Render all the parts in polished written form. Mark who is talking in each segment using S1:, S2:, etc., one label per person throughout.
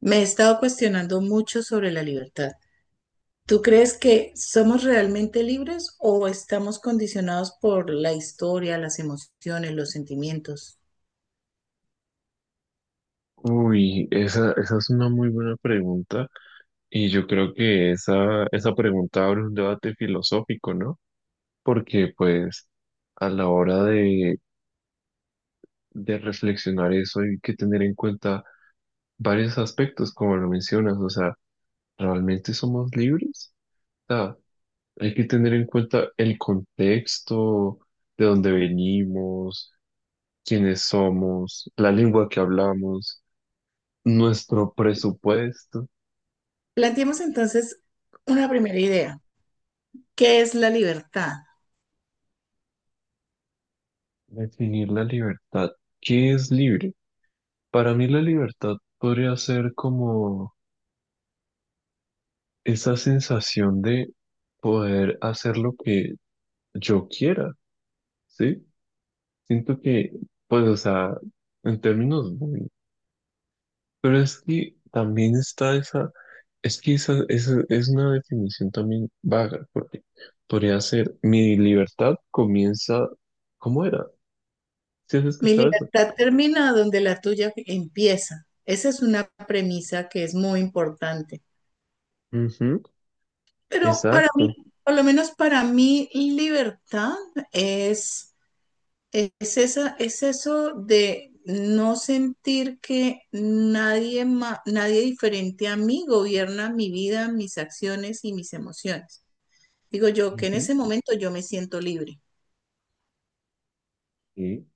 S1: Me he estado cuestionando mucho sobre la libertad. ¿Tú crees que somos realmente libres o estamos condicionados por la historia, las emociones, los sentimientos?
S2: Uy, esa es una muy buena pregunta y yo creo que esa pregunta abre un debate filosófico, ¿no? Porque pues a la hora de reflexionar eso hay que tener en cuenta varios aspectos, como lo mencionas, o sea, ¿realmente somos libres? O sea, hay que tener en cuenta el contexto, de dónde venimos, quiénes somos, la lengua que hablamos, nuestro presupuesto.
S1: Planteemos entonces una primera idea. ¿Qué es la libertad?
S2: Definir la libertad. ¿Qué es libre? Para mí la libertad podría ser como esa sensación de poder hacer lo que yo quiera, ¿sí? Siento que, pues, o sea, en términos muy... Pero es que también está esa... Es que esa es una definición también vaga, porque podría ser mi libertad comienza... ¿Cómo era? ¿Sí has
S1: Mi
S2: escuchado eso?
S1: libertad termina donde la tuya empieza. Esa es una premisa que es muy importante.
S2: Ujú.
S1: Pero para mí,
S2: Exacto.
S1: por lo menos para mí, libertad es es eso de no sentir que nadie diferente a mí gobierna mi vida, mis acciones y mis emociones. Digo yo que en
S2: Ujú.
S1: ese momento yo me siento libre.
S2: Sí.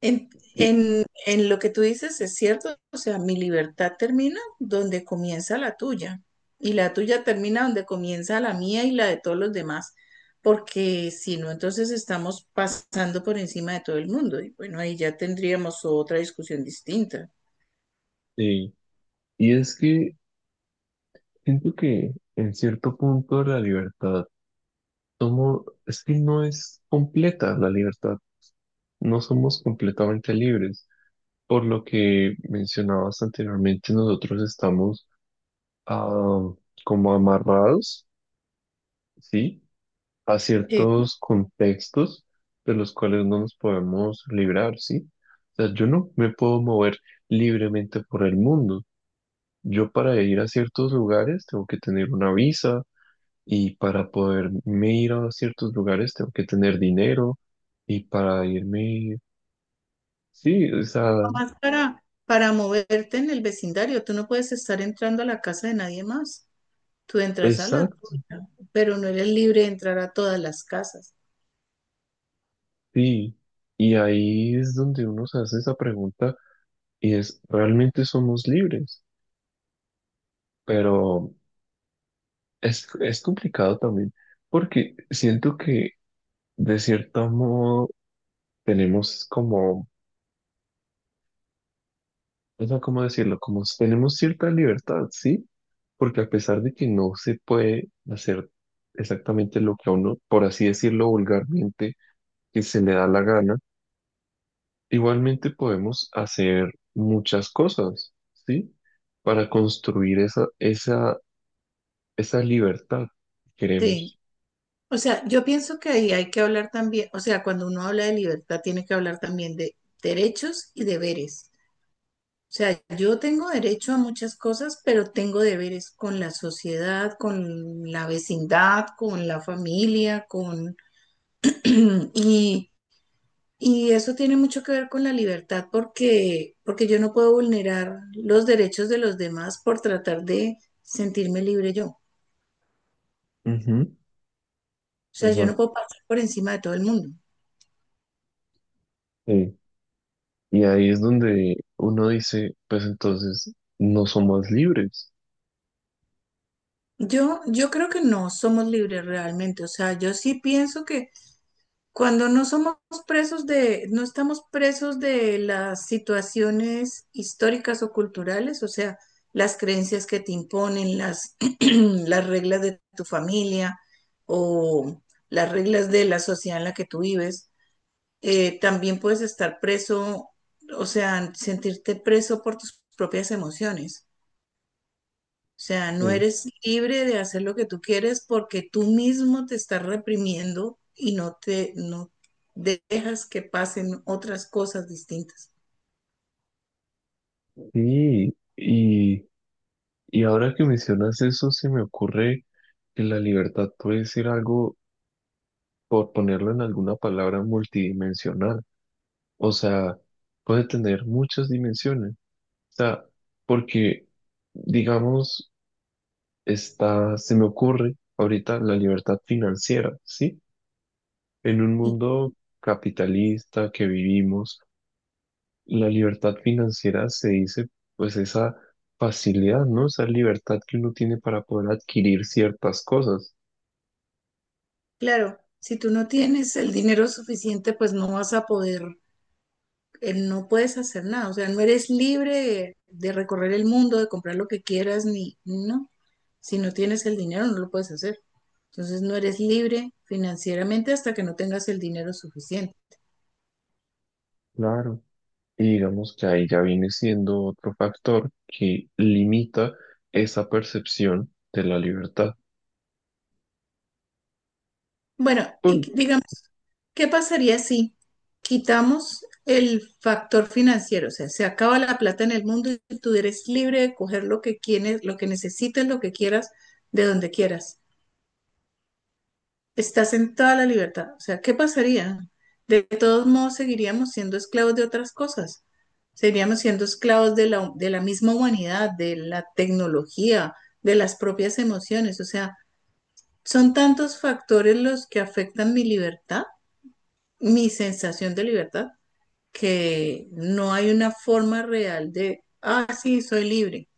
S1: En,
S2: Sí.
S1: en lo que tú dices es cierto, o sea, mi libertad termina donde comienza la tuya y la tuya termina donde comienza la mía y la de todos los demás, porque si no, entonces estamos pasando por encima de todo el mundo y bueno, ahí ya tendríamos otra discusión distinta.
S2: Sí, y es que siento que en cierto punto la libertad somos, es que no es completa la libertad, no somos completamente libres. Por lo que mencionabas anteriormente, nosotros estamos ah, como amarrados, ¿sí? A
S1: Sí.
S2: ciertos contextos de los cuales no nos podemos librar, ¿sí? O sea, yo no me puedo mover libremente por el mundo. Yo para ir a ciertos lugares tengo que tener una visa. Y para poderme ir a ciertos lugares tengo que tener dinero. Y para irme, sí, o sea,
S1: Nada más para moverte en el vecindario, tú no puedes estar entrando a la casa de nadie más, tú entras a la
S2: exacto,
S1: tuya, pero no eres libre de entrar a todas las casas.
S2: sí. Y ahí es donde uno se hace esa pregunta y es, ¿realmente somos libres? Pero es complicado también porque siento que de cierto modo tenemos como, o sea, ¿cómo decirlo? Como tenemos cierta libertad, ¿sí? Porque a pesar de que no se puede hacer exactamente lo que a uno, por así decirlo vulgarmente, que se le da la gana, igualmente podemos hacer muchas cosas, ¿sí? Para construir esa libertad que
S1: Sí.
S2: queremos.
S1: O sea, yo pienso que ahí hay que hablar también, o sea, cuando uno habla de libertad, tiene que hablar también de derechos y deberes. O sea, yo tengo derecho a muchas cosas, pero tengo deberes con la sociedad, con la vecindad, con la familia, con... y, y eso tiene mucho que ver con la libertad porque yo no puedo vulnerar los derechos de los demás por tratar de sentirme libre yo. O
S2: Ujú.
S1: sea, yo no
S2: Exacto.
S1: puedo pasar por encima de todo el mundo.
S2: Sí. Y ahí es donde uno dice, pues entonces no somos libres.
S1: Yo creo que no somos libres realmente. O sea, yo sí pienso que cuando no somos no estamos presos de las situaciones históricas o culturales, o sea, las creencias que te imponen, las, las reglas de tu familia o las reglas de la sociedad en la que tú vives, también puedes estar preso, o sea, sentirte preso por tus propias emociones. O sea, no
S2: Sí.
S1: eres libre de hacer lo que tú quieres porque tú mismo te estás reprimiendo y no dejas que pasen otras cosas distintas.
S2: Sí, y ahora que mencionas eso, se me ocurre que la libertad puede ser algo, por ponerlo en alguna palabra, multidimensional. O sea, puede tener muchas dimensiones. O sea, porque, digamos, está, se me ocurre ahorita la libertad financiera, ¿sí? En un
S1: Y
S2: mundo capitalista que vivimos, la libertad financiera se dice, pues, esa facilidad, ¿no? Esa libertad que uno tiene para poder adquirir ciertas cosas.
S1: claro, si tú no tienes el dinero suficiente, pues no vas a poder, no puedes hacer nada. O sea, no eres libre de recorrer el mundo, de comprar lo que quieras, ni no. Si no tienes el dinero, no lo puedes hacer. Entonces no eres libre financieramente hasta que no tengas el dinero suficiente.
S2: Claro. Y digamos que ahí ya viene siendo otro factor que limita esa percepción de la libertad.
S1: Bueno,
S2: Por-
S1: digamos, ¿qué pasaría si quitamos el factor financiero? O sea, se acaba la plata en el mundo y tú eres libre de coger lo que quieres, lo que necesites, lo que quieras, de donde quieras. Estás en toda la libertad. O sea, ¿qué pasaría? De todos modos, seguiríamos siendo esclavos de otras cosas. Seguiríamos siendo esclavos de la misma humanidad, de la tecnología, de las propias emociones. O sea, son tantos factores los que afectan mi libertad, mi sensación de libertad, que no hay una forma real de, ah, sí, soy libre,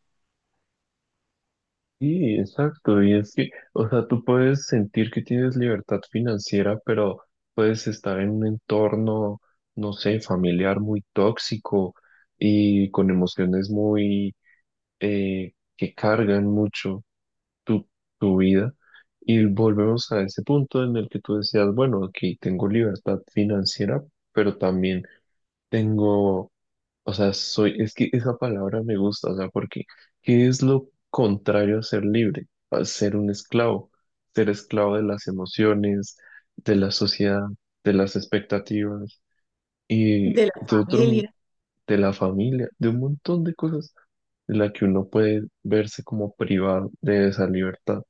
S2: sí, exacto. Y es que, o sea, tú puedes sentir que tienes libertad financiera, pero puedes estar en un entorno, no sé, familiar muy tóxico y con emociones muy, que cargan mucho tu, tu vida. Y volvemos a ese punto en el que tú decías, bueno, aquí tengo libertad financiera, pero también tengo, o sea, soy, es que esa palabra me gusta, o sea, porque ¿qué es lo contrario a ser libre? A ser un esclavo, ser esclavo de las emociones, de la sociedad, de las expectativas
S1: de
S2: y
S1: la
S2: de otro,
S1: familia.
S2: de la familia, de un montón de cosas de la que uno puede verse como privado de esa libertad.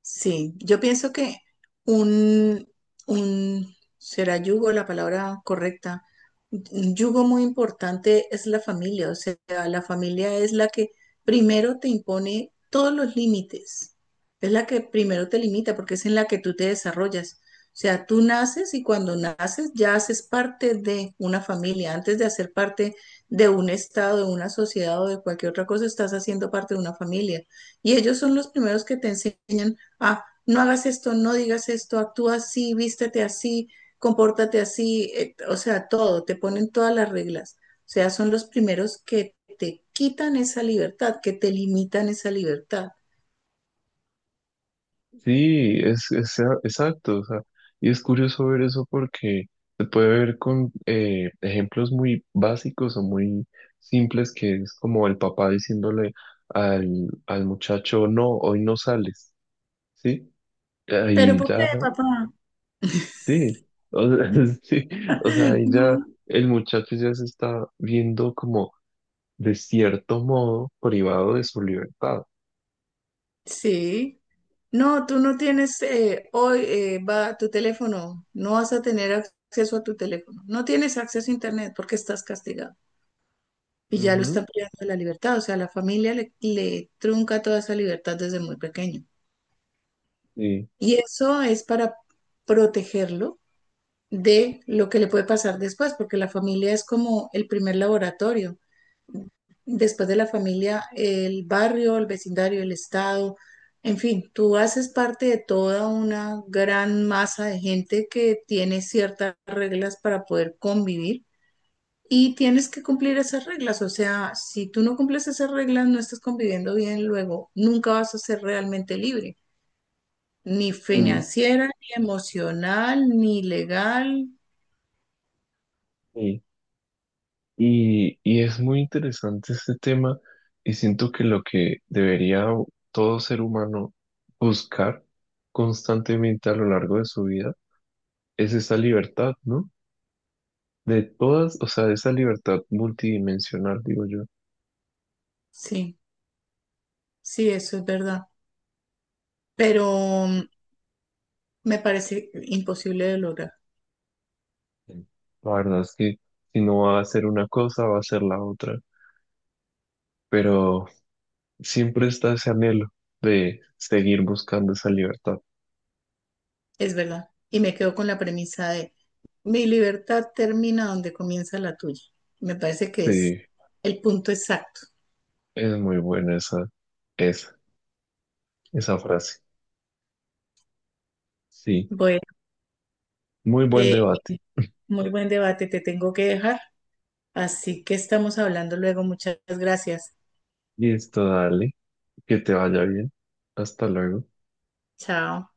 S1: Sí, yo pienso que un, será yugo la palabra correcta. Un yugo muy importante es la familia, o sea, la familia es la que primero te impone todos los límites, es la que primero te limita porque es en la que tú te desarrollas. O sea, tú naces y cuando naces ya haces parte de una familia. Antes de hacer parte de un estado, de una sociedad o de cualquier otra cosa, estás haciendo parte de una familia. Y ellos son los primeros que te enseñan ah, no hagas esto, no digas esto, actúa así, vístete así, compórtate así, o sea, todo, te ponen todas las reglas. O sea, son los primeros que te quitan esa libertad, que te limitan esa libertad.
S2: Sí, es- exacto, o sea, y es curioso ver eso porque se puede ver con ejemplos muy básicos o muy simples, que es como el papá diciéndole al, al muchacho, no, hoy no sales, ¿sí?
S1: ¿Pero
S2: Ahí
S1: por qué,
S2: ya,
S1: papá?
S2: sí, o sea, sí, o sea, ahí ya
S1: Mm.
S2: el muchacho ya se está viendo como de cierto modo privado de su libertad.
S1: Sí. No, tú no tienes, hoy, va tu teléfono, no vas a tener acceso a tu teléfono, no tienes acceso a internet porque estás castigado. Y ya lo
S2: Ujú.
S1: está privando de la libertad. O sea, la familia le trunca toda esa libertad desde muy pequeño.
S2: Sí.
S1: Y eso es para protegerlo de lo que le puede pasar después, porque la familia es como el primer laboratorio. Después de la familia, el barrio, el vecindario, el estado, en fin, tú haces parte de toda una gran masa de gente que tiene ciertas reglas para poder convivir. Y tienes que cumplir esas reglas, o sea, si tú no cumples esas reglas, no estás conviviendo bien luego, nunca vas a ser realmente libre, ni
S2: Mm.
S1: financiera, ni emocional, ni legal.
S2: Sí. Y es muy interesante este tema y siento que lo que debería todo ser humano buscar constantemente a lo largo de su vida es esa libertad, ¿no? De todas, o sea, esa libertad multidimensional, digo yo.
S1: Sí, sí, eso es verdad, pero mm, me parece imposible de lograr,
S2: La verdad es que si no va a hacer una cosa, va a hacer la otra, pero siempre está ese anhelo de seguir buscando esa libertad.
S1: es verdad. Y me quedo con la premisa de mi libertad termina donde comienza la tuya. Me parece que es
S2: Sí,
S1: el punto exacto.
S2: es muy buena esa, esa, esa frase. Sí,
S1: Bueno,
S2: muy buen
S1: eh,
S2: debate.
S1: muy buen debate, te tengo que dejar. Así que estamos hablando luego. Muchas gracias.
S2: Listo, dale. Que te vaya bien. Hasta luego.
S1: Chao.